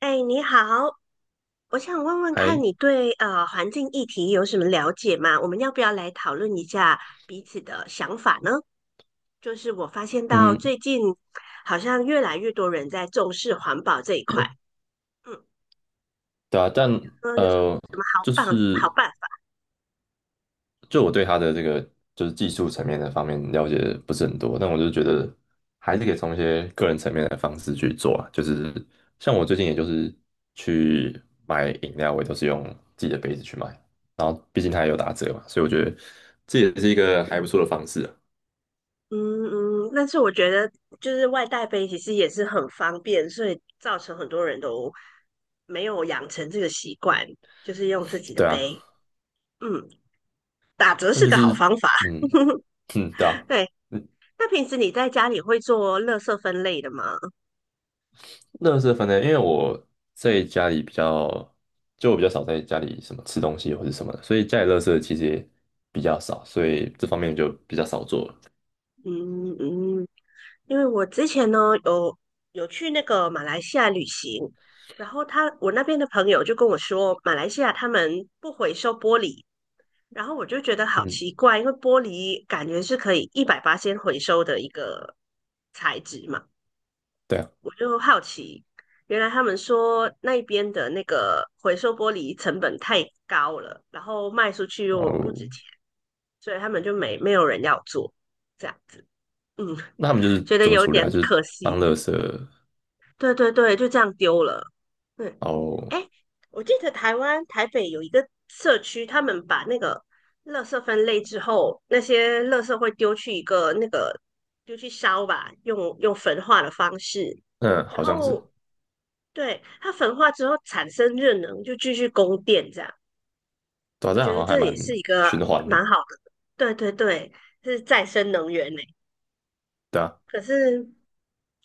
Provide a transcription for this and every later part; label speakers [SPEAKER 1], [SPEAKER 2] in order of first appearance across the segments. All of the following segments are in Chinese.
[SPEAKER 1] 哎，你好，我想问问看
[SPEAKER 2] 还
[SPEAKER 1] 你对环境议题有什么了解吗？我们要不要来讨论一下彼此的想法呢？就是我发现到
[SPEAKER 2] 嗯，
[SPEAKER 1] 最近好像越来越多人在重视环保这一块，嗯，
[SPEAKER 2] 对啊，但
[SPEAKER 1] 有什么
[SPEAKER 2] 呃，
[SPEAKER 1] 什么好
[SPEAKER 2] 就
[SPEAKER 1] 办好
[SPEAKER 2] 是
[SPEAKER 1] 办法？
[SPEAKER 2] 就我对他的这个就是技术层面的方面了解不是很多，但我就觉得还是可以从一些个人层面的方式去做啊，就是像我最近也就是去买饮料，我也都是用自己的杯子去买，然后毕竟它也有打折嘛，所以我觉得这也是一个还不错的方式啊。
[SPEAKER 1] 嗯嗯，但是我觉得就是外带杯其实也是很方便，所以造成很多人都没有养成这个习惯，就是用自己的
[SPEAKER 2] 对啊，
[SPEAKER 1] 杯。嗯，打折
[SPEAKER 2] 但
[SPEAKER 1] 是
[SPEAKER 2] 就
[SPEAKER 1] 个好
[SPEAKER 2] 是
[SPEAKER 1] 方法。
[SPEAKER 2] 嗯 嗯，对啊。
[SPEAKER 1] 对，那平时你在家里会做乐色分类的吗？
[SPEAKER 2] 乐事分类，因为我在家里比较，就我比较少在家里什么吃东西或者什么的，所以家里乐事其实也比较少，所以这方面就比较少做了。
[SPEAKER 1] 嗯嗯，因为我之前呢有有去那个马来西亚旅行，然后我那边的朋友就跟我说，马来西亚他们不回收玻璃，然后我就觉得好
[SPEAKER 2] 嗯，
[SPEAKER 1] 奇怪，因为玻璃感觉是可以一百八先回收的一个材质嘛，
[SPEAKER 2] 对啊。
[SPEAKER 1] 我就好奇，原来他们说那边的那个回收玻璃成本太高了，然后卖出去又不
[SPEAKER 2] 哦，
[SPEAKER 1] 值钱。所以他们就没有人要做这样子，嗯，
[SPEAKER 2] 那他们就是
[SPEAKER 1] 觉得
[SPEAKER 2] 怎么
[SPEAKER 1] 有
[SPEAKER 2] 处理啊？
[SPEAKER 1] 点
[SPEAKER 2] 就是
[SPEAKER 1] 可
[SPEAKER 2] 当
[SPEAKER 1] 惜。
[SPEAKER 2] 乐事，
[SPEAKER 1] 对对对，就这样丢了。对，
[SPEAKER 2] 然后
[SPEAKER 1] 哎，我记得台湾台北有一个社区，他们把那个垃圾分类之后，那些垃圾会丢去一个那个丢去烧吧，用焚化的方式，
[SPEAKER 2] 嗯，
[SPEAKER 1] 然
[SPEAKER 2] 好像是，
[SPEAKER 1] 后对它焚化之后产生热能，就继续供电这样。
[SPEAKER 2] 对啊，
[SPEAKER 1] 我
[SPEAKER 2] 这样
[SPEAKER 1] 觉
[SPEAKER 2] 好
[SPEAKER 1] 得
[SPEAKER 2] 像还
[SPEAKER 1] 这
[SPEAKER 2] 蛮
[SPEAKER 1] 也是一个
[SPEAKER 2] 循环的，
[SPEAKER 1] 蛮好的，对对对，是再生能源呢。
[SPEAKER 2] 对啊。
[SPEAKER 1] 可是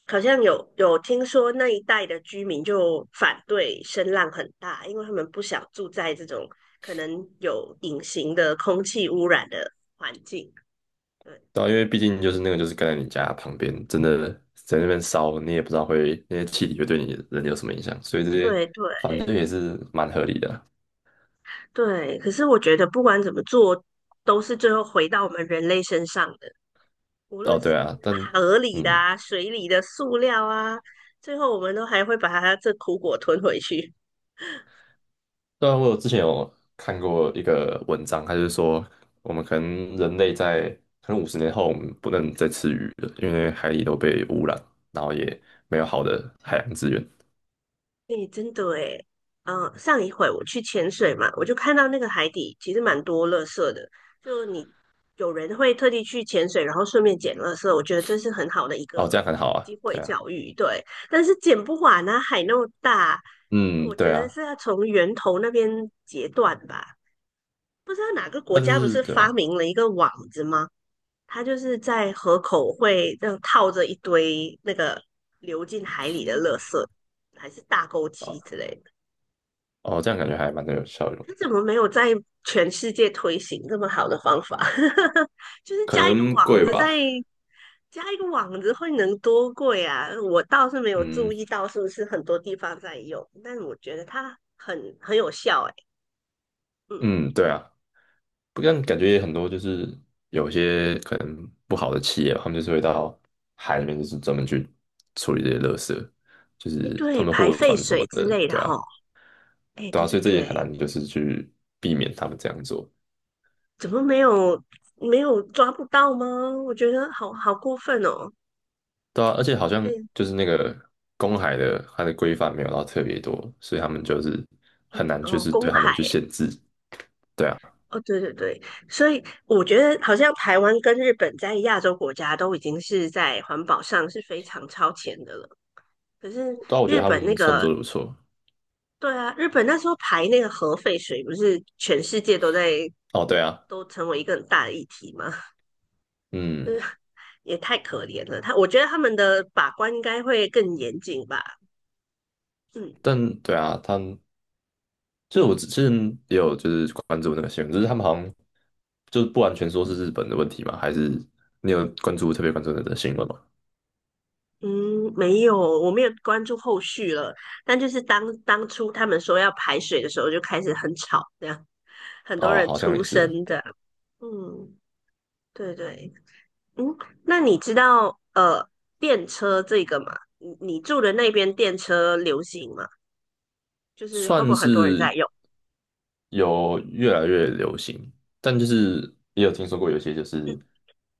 [SPEAKER 1] 好像有听说那一带的居民就反对声浪很大，因为他们不想住在这种可能有隐形的空气污染的环境。对
[SPEAKER 2] 对啊，因为毕竟就是那个就是跟在你家旁边，真的在那边烧，你也不知道会那些气体会对你人有什么影响，所以这些
[SPEAKER 1] 对对
[SPEAKER 2] 反正也是蛮合理的。
[SPEAKER 1] 对，可是我觉得不管怎么做，都是最后回到我们人类身上的，无
[SPEAKER 2] 哦，
[SPEAKER 1] 论
[SPEAKER 2] 对
[SPEAKER 1] 是
[SPEAKER 2] 啊，但
[SPEAKER 1] 河里的
[SPEAKER 2] 嗯，
[SPEAKER 1] 啊、水里的塑料啊，最后我们都还会把它这苦果吞回去。
[SPEAKER 2] 对。然我有之前有看过一个文章，它就是说我们可能人类在可能50年后我们不能再吃鱼了，因为海里都被污染，然后也没有好的海洋资源。
[SPEAKER 1] 对，真的诶，上一回我去潜水嘛，我就看到那个海底其实蛮多垃圾的，就你有人会特地去潜水，然后顺便捡垃圾，我觉得这是很好的一
[SPEAKER 2] 哦，
[SPEAKER 1] 个
[SPEAKER 2] 这样很好啊，
[SPEAKER 1] 机会
[SPEAKER 2] 对啊。
[SPEAKER 1] 教育，对。但是捡不完啊，海那么大，
[SPEAKER 2] 嗯，
[SPEAKER 1] 我觉
[SPEAKER 2] 对
[SPEAKER 1] 得
[SPEAKER 2] 啊，
[SPEAKER 1] 是要从源头那边截断吧。不知道哪个国
[SPEAKER 2] 但
[SPEAKER 1] 家不
[SPEAKER 2] 是
[SPEAKER 1] 是
[SPEAKER 2] 对
[SPEAKER 1] 发
[SPEAKER 2] 啊。
[SPEAKER 1] 明了一个网子吗？它就是在河口会这样套着一堆那个流进海里的垃圾，还是大钩
[SPEAKER 2] 哦，
[SPEAKER 1] 机之类的。
[SPEAKER 2] 哦，这样感觉还蛮有效用，
[SPEAKER 1] 他怎么没有在全世界推行这么好的方法？就是
[SPEAKER 2] 可
[SPEAKER 1] 加一个
[SPEAKER 2] 能
[SPEAKER 1] 网
[SPEAKER 2] 贵
[SPEAKER 1] 子在，
[SPEAKER 2] 吧。
[SPEAKER 1] 加一个网子会能多贵啊？我倒是没有注
[SPEAKER 2] 嗯
[SPEAKER 1] 意到是不是很多地方在用，但我觉得它很有效、欸。哎嗯，
[SPEAKER 2] 嗯，对啊，不但感觉也很多，就是有些可能不好的企业他们就是会到海里面，就是专门去处理这些垃圾，就
[SPEAKER 1] 哎，
[SPEAKER 2] 是他
[SPEAKER 1] 对，
[SPEAKER 2] 们
[SPEAKER 1] 排
[SPEAKER 2] 货
[SPEAKER 1] 废
[SPEAKER 2] 船什
[SPEAKER 1] 水
[SPEAKER 2] 么
[SPEAKER 1] 之
[SPEAKER 2] 的，
[SPEAKER 1] 类的
[SPEAKER 2] 对
[SPEAKER 1] 哈。
[SPEAKER 2] 啊，
[SPEAKER 1] 哎，
[SPEAKER 2] 对
[SPEAKER 1] 对
[SPEAKER 2] 啊，所
[SPEAKER 1] 对
[SPEAKER 2] 以这也很
[SPEAKER 1] 对，
[SPEAKER 2] 难就是去避免他们这样做。
[SPEAKER 1] 怎么没有抓不到吗？我觉得好过分哦。
[SPEAKER 2] 对啊，而且好像
[SPEAKER 1] 对，
[SPEAKER 2] 就是那个公海的它的规范没有到特别多，所以他们就是很难就
[SPEAKER 1] 哦，
[SPEAKER 2] 是
[SPEAKER 1] 公
[SPEAKER 2] 对他们去
[SPEAKER 1] 海。
[SPEAKER 2] 限制。对啊，
[SPEAKER 1] 哦，对对对，所以我觉得好像台湾跟日本在亚洲国家都已经是在环保上是非常超前的了。可是
[SPEAKER 2] 但我觉
[SPEAKER 1] 日
[SPEAKER 2] 得他
[SPEAKER 1] 本那
[SPEAKER 2] 们算
[SPEAKER 1] 个，
[SPEAKER 2] 做的不错。
[SPEAKER 1] 对啊，日本那时候排那个核废水，不是全世界都在
[SPEAKER 2] 哦，对啊，
[SPEAKER 1] 都成为一个很大的议题吗？就
[SPEAKER 2] 嗯，
[SPEAKER 1] 是也太可怜了。他我觉得他们的把关应该会更严谨吧。嗯，
[SPEAKER 2] 但对啊，他就是我之前也有就是关注那个新闻，就是他们好像就是不完全说是日本的问题嘛，还是你有关注特别关注那个新闻吗？
[SPEAKER 1] 嗯，没有，我没有关注后续了。但就是当初他们说要排水的时候，就开始很吵，这样很多
[SPEAKER 2] 哦，
[SPEAKER 1] 人
[SPEAKER 2] 好像
[SPEAKER 1] 出
[SPEAKER 2] 也是。
[SPEAKER 1] 声的。嗯，对对，嗯，那你知道电车这个吗？你住的那边电车流行吗？就是会不
[SPEAKER 2] 算
[SPEAKER 1] 会很多人在
[SPEAKER 2] 是
[SPEAKER 1] 用？
[SPEAKER 2] 有越来越流行，但就是也有听说过有些就是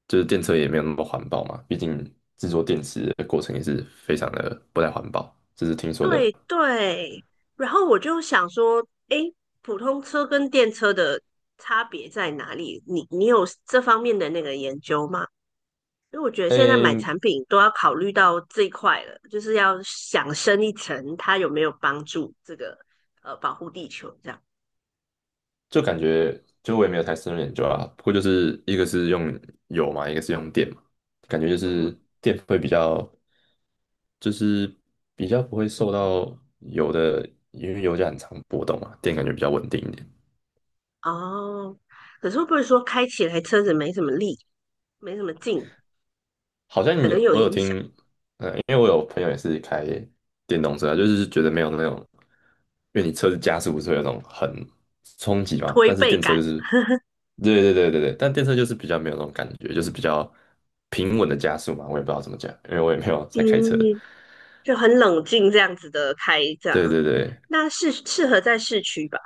[SPEAKER 2] 电车也没有那么环保嘛，毕竟制作电池的过程也是非常的不太环保，这是听说的。
[SPEAKER 1] 对对，然后我就想说，诶，普通车跟电车的差别在哪里？你有这方面的那个研究吗？因为我觉得现在买
[SPEAKER 2] 诶，
[SPEAKER 1] 产品都要考虑到这一块了，就是要想深一层，它有没有帮助这个保护地球这样。
[SPEAKER 2] 就感觉就我也没有太深入研究啊，不过就是一个是用油嘛，一个是用电嘛，感觉就
[SPEAKER 1] 嗯，
[SPEAKER 2] 是电会比较，就是比较不会受到油的，因为油价很长波动嘛，电感觉比较稳定一点。
[SPEAKER 1] 哦，可是会不会说开起来车子没什么力，没什么劲，
[SPEAKER 2] 好
[SPEAKER 1] 可
[SPEAKER 2] 像
[SPEAKER 1] 能
[SPEAKER 2] 有
[SPEAKER 1] 有
[SPEAKER 2] 我有
[SPEAKER 1] 影
[SPEAKER 2] 听，
[SPEAKER 1] 响
[SPEAKER 2] 因为我有朋友也是开电动车啊，就是觉得没有那种，因为你车子加速不是会有那种很冲击嘛，
[SPEAKER 1] 推
[SPEAKER 2] 但是
[SPEAKER 1] 背
[SPEAKER 2] 电车就
[SPEAKER 1] 感？
[SPEAKER 2] 是，对对对对对，但电车就是比较没有那种感觉，就是比较平稳的加速嘛，我也不知道怎么讲，因为我也没有在开车。
[SPEAKER 1] 嗯，就很冷静这样子的开这样，
[SPEAKER 2] 对对对，
[SPEAKER 1] 那是适合在市区吧？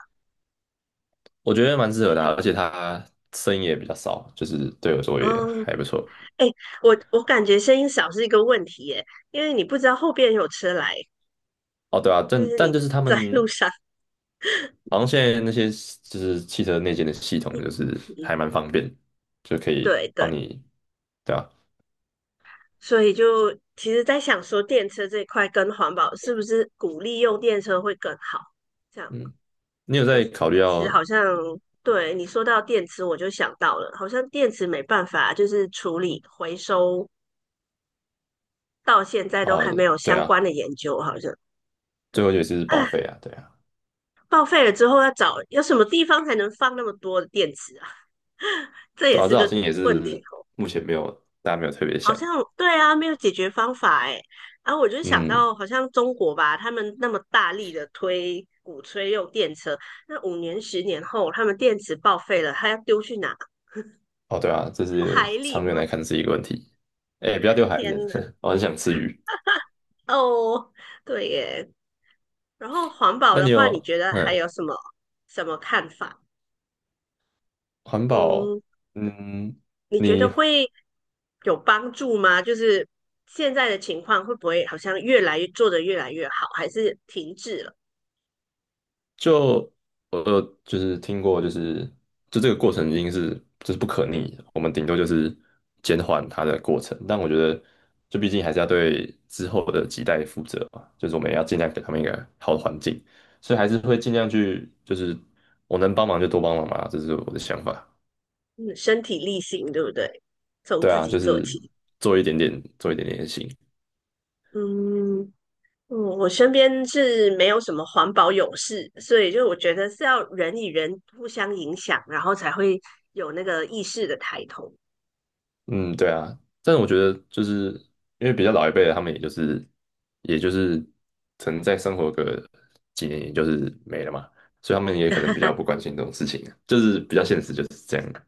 [SPEAKER 2] 我觉得蛮适合的啊，
[SPEAKER 1] 是。
[SPEAKER 2] 而且它声音也比较少，就是对我说也
[SPEAKER 1] 哦，
[SPEAKER 2] 还不错。
[SPEAKER 1] 哎，我感觉声音小是一个问题耶，因为你不知道后边有车来，
[SPEAKER 2] 哦，对啊，
[SPEAKER 1] 就
[SPEAKER 2] 但
[SPEAKER 1] 是
[SPEAKER 2] 但
[SPEAKER 1] 你
[SPEAKER 2] 就是他
[SPEAKER 1] 在路
[SPEAKER 2] 们
[SPEAKER 1] 上，
[SPEAKER 2] 好像现在那些就是汽车内建的系统，就是
[SPEAKER 1] 对
[SPEAKER 2] 还蛮方便，就可以帮
[SPEAKER 1] 对。
[SPEAKER 2] 你，对啊。
[SPEAKER 1] 所以就其实在想说，电车这一块跟环保是不是鼓励用电车会更好？这样，
[SPEAKER 2] 嗯，你有
[SPEAKER 1] 可
[SPEAKER 2] 在
[SPEAKER 1] 是
[SPEAKER 2] 考虑
[SPEAKER 1] 电池
[SPEAKER 2] 要。
[SPEAKER 1] 好像，对，你说到电池，我就想到了，好像电池没办法就是处理回收，到现在都还没
[SPEAKER 2] 哦，
[SPEAKER 1] 有
[SPEAKER 2] 对
[SPEAKER 1] 相
[SPEAKER 2] 啊，
[SPEAKER 1] 关的研究，好像，
[SPEAKER 2] 最后
[SPEAKER 1] 嗯，
[SPEAKER 2] 一个是
[SPEAKER 1] 啊，
[SPEAKER 2] 报废啊，对啊。
[SPEAKER 1] 报废了之后要找有什么地方才能放那么多的电池啊？这也
[SPEAKER 2] 对啊，
[SPEAKER 1] 是
[SPEAKER 2] 这好
[SPEAKER 1] 个
[SPEAKER 2] 像也
[SPEAKER 1] 问题。
[SPEAKER 2] 是目前没有大家没有特别
[SPEAKER 1] 好
[SPEAKER 2] 想。
[SPEAKER 1] 像对啊，没有解决方法哎。然后我就想
[SPEAKER 2] 嗯，
[SPEAKER 1] 到，好像中国吧，他们那么大力的推鼓吹用电车，那5年、10年后，他们电池报废了，他要丢去哪？
[SPEAKER 2] 哦，对啊，这
[SPEAKER 1] 丢
[SPEAKER 2] 是
[SPEAKER 1] 海里
[SPEAKER 2] 长远
[SPEAKER 1] 吗？
[SPEAKER 2] 来看是一个问题，哎，不要丢海
[SPEAKER 1] 天
[SPEAKER 2] 盐，
[SPEAKER 1] 哪！
[SPEAKER 2] 我很想吃鱼。
[SPEAKER 1] 哦，对耶。然后环保
[SPEAKER 2] 那
[SPEAKER 1] 的
[SPEAKER 2] 你
[SPEAKER 1] 话，你
[SPEAKER 2] 有
[SPEAKER 1] 觉得还
[SPEAKER 2] 嗯，
[SPEAKER 1] 有什么看法？
[SPEAKER 2] 环保，
[SPEAKER 1] 嗯，
[SPEAKER 2] 嗯，
[SPEAKER 1] 你觉得
[SPEAKER 2] 你
[SPEAKER 1] 会有帮助吗？就是现在的情况会不会好像越来越做得越来越好，还是停滞了？
[SPEAKER 2] 就我有就是听过，就是就这个过程已经是就是不可逆的，我们顶多就是减缓它的过程。但我觉得，就毕竟还是要对之后的几代负责嘛，就是我们也要尽量给他们一个好的环境，所以还是会尽量去，就是我能帮忙就多帮忙嘛，这是我的想法。
[SPEAKER 1] 嗯，身体力行，对不对？从
[SPEAKER 2] 对
[SPEAKER 1] 自
[SPEAKER 2] 啊，
[SPEAKER 1] 己
[SPEAKER 2] 就
[SPEAKER 1] 做
[SPEAKER 2] 是
[SPEAKER 1] 起。
[SPEAKER 2] 做一点点，做一点点也行。
[SPEAKER 1] 嗯，嗯我身边是没有什么环保勇士，所以就我觉得是要人与人互相影响，然后才会有那个意识的抬头。
[SPEAKER 2] 嗯，对啊，但是我觉得就是因为比较老一辈的，他们也就是曾在生活个几年，也就是没了嘛，所以他们也可能比较不关心这种事情啊，就是比较现实就是这样啊。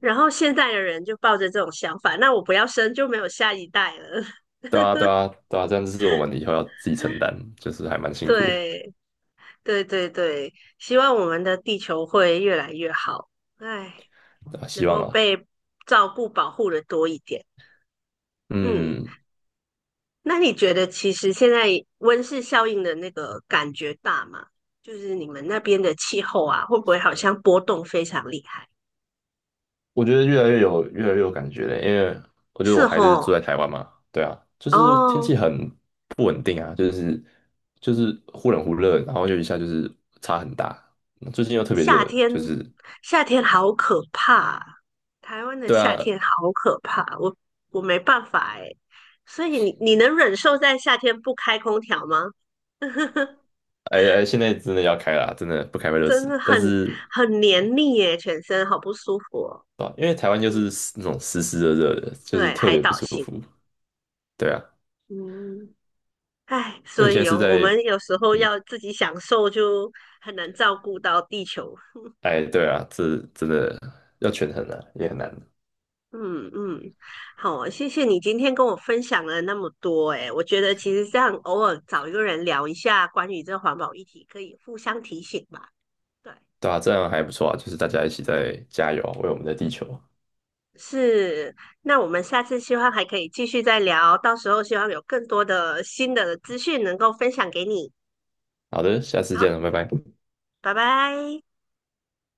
[SPEAKER 1] 然后现在的人就抱着这种想法，那我不要生就没有下一代了。
[SPEAKER 2] 对啊，对啊，对啊，这样就是我们以后要自己承担，就是还蛮辛苦的。
[SPEAKER 1] 对，对对对，希望我们的地球会越来越好，唉，
[SPEAKER 2] 对啊希
[SPEAKER 1] 能
[SPEAKER 2] 望
[SPEAKER 1] 够
[SPEAKER 2] 啊。
[SPEAKER 1] 被照顾保护的多一点。嗯。
[SPEAKER 2] 嗯，
[SPEAKER 1] 那你觉得其实现在温室效应的那个感觉大吗？就是你们那边的气候啊，会不会好像波动非常厉害？
[SPEAKER 2] 我觉得越来越有感觉了，因为我觉得我
[SPEAKER 1] 是
[SPEAKER 2] 还是
[SPEAKER 1] 吼，
[SPEAKER 2] 住在台湾嘛，对啊，就是天
[SPEAKER 1] 哦，
[SPEAKER 2] 气很不稳定啊，就是忽冷忽热，然后就一下就是差很大，最近又特别
[SPEAKER 1] 夏
[SPEAKER 2] 热，就
[SPEAKER 1] 天
[SPEAKER 2] 是
[SPEAKER 1] 夏天好可怕啊台湾的
[SPEAKER 2] 对
[SPEAKER 1] 夏
[SPEAKER 2] 啊，
[SPEAKER 1] 天好可怕，我没办法哎。所以你能忍受在夏天不开空调吗？
[SPEAKER 2] 哎哎，现在真的要开了，真的不开会热
[SPEAKER 1] 真
[SPEAKER 2] 死，
[SPEAKER 1] 的很
[SPEAKER 2] 但是
[SPEAKER 1] 很黏腻耶，全身好不舒服哦。
[SPEAKER 2] 啊，因为台湾就
[SPEAKER 1] 嗯，
[SPEAKER 2] 是那种湿湿热热的，就是
[SPEAKER 1] 对，
[SPEAKER 2] 特
[SPEAKER 1] 海
[SPEAKER 2] 别不
[SPEAKER 1] 岛
[SPEAKER 2] 舒
[SPEAKER 1] 型，
[SPEAKER 2] 服，对啊。
[SPEAKER 1] 嗯。唉，
[SPEAKER 2] 那
[SPEAKER 1] 所
[SPEAKER 2] 你现在
[SPEAKER 1] 以哦，
[SPEAKER 2] 是
[SPEAKER 1] 我
[SPEAKER 2] 在
[SPEAKER 1] 们有时候
[SPEAKER 2] 嗯，
[SPEAKER 1] 要自己享受，就很难照顾到地球。
[SPEAKER 2] 哎，对啊，这真的要权衡了，也很难。
[SPEAKER 1] 嗯嗯，好，谢谢你今天跟我分享了那么多。诶，我觉得其实这样偶尔找一个人聊一下关于这环保议题，可以互相提醒吧。对，
[SPEAKER 2] 对啊，这样还不错啊，就是大家一起在加油啊为我们的地球啊。
[SPEAKER 1] 是。那我们下次希望还可以继续再聊，到时候希望有更多的新的资讯能够分享给你。
[SPEAKER 2] 好的，下次
[SPEAKER 1] 好，
[SPEAKER 2] 见了，拜拜。
[SPEAKER 1] 拜拜。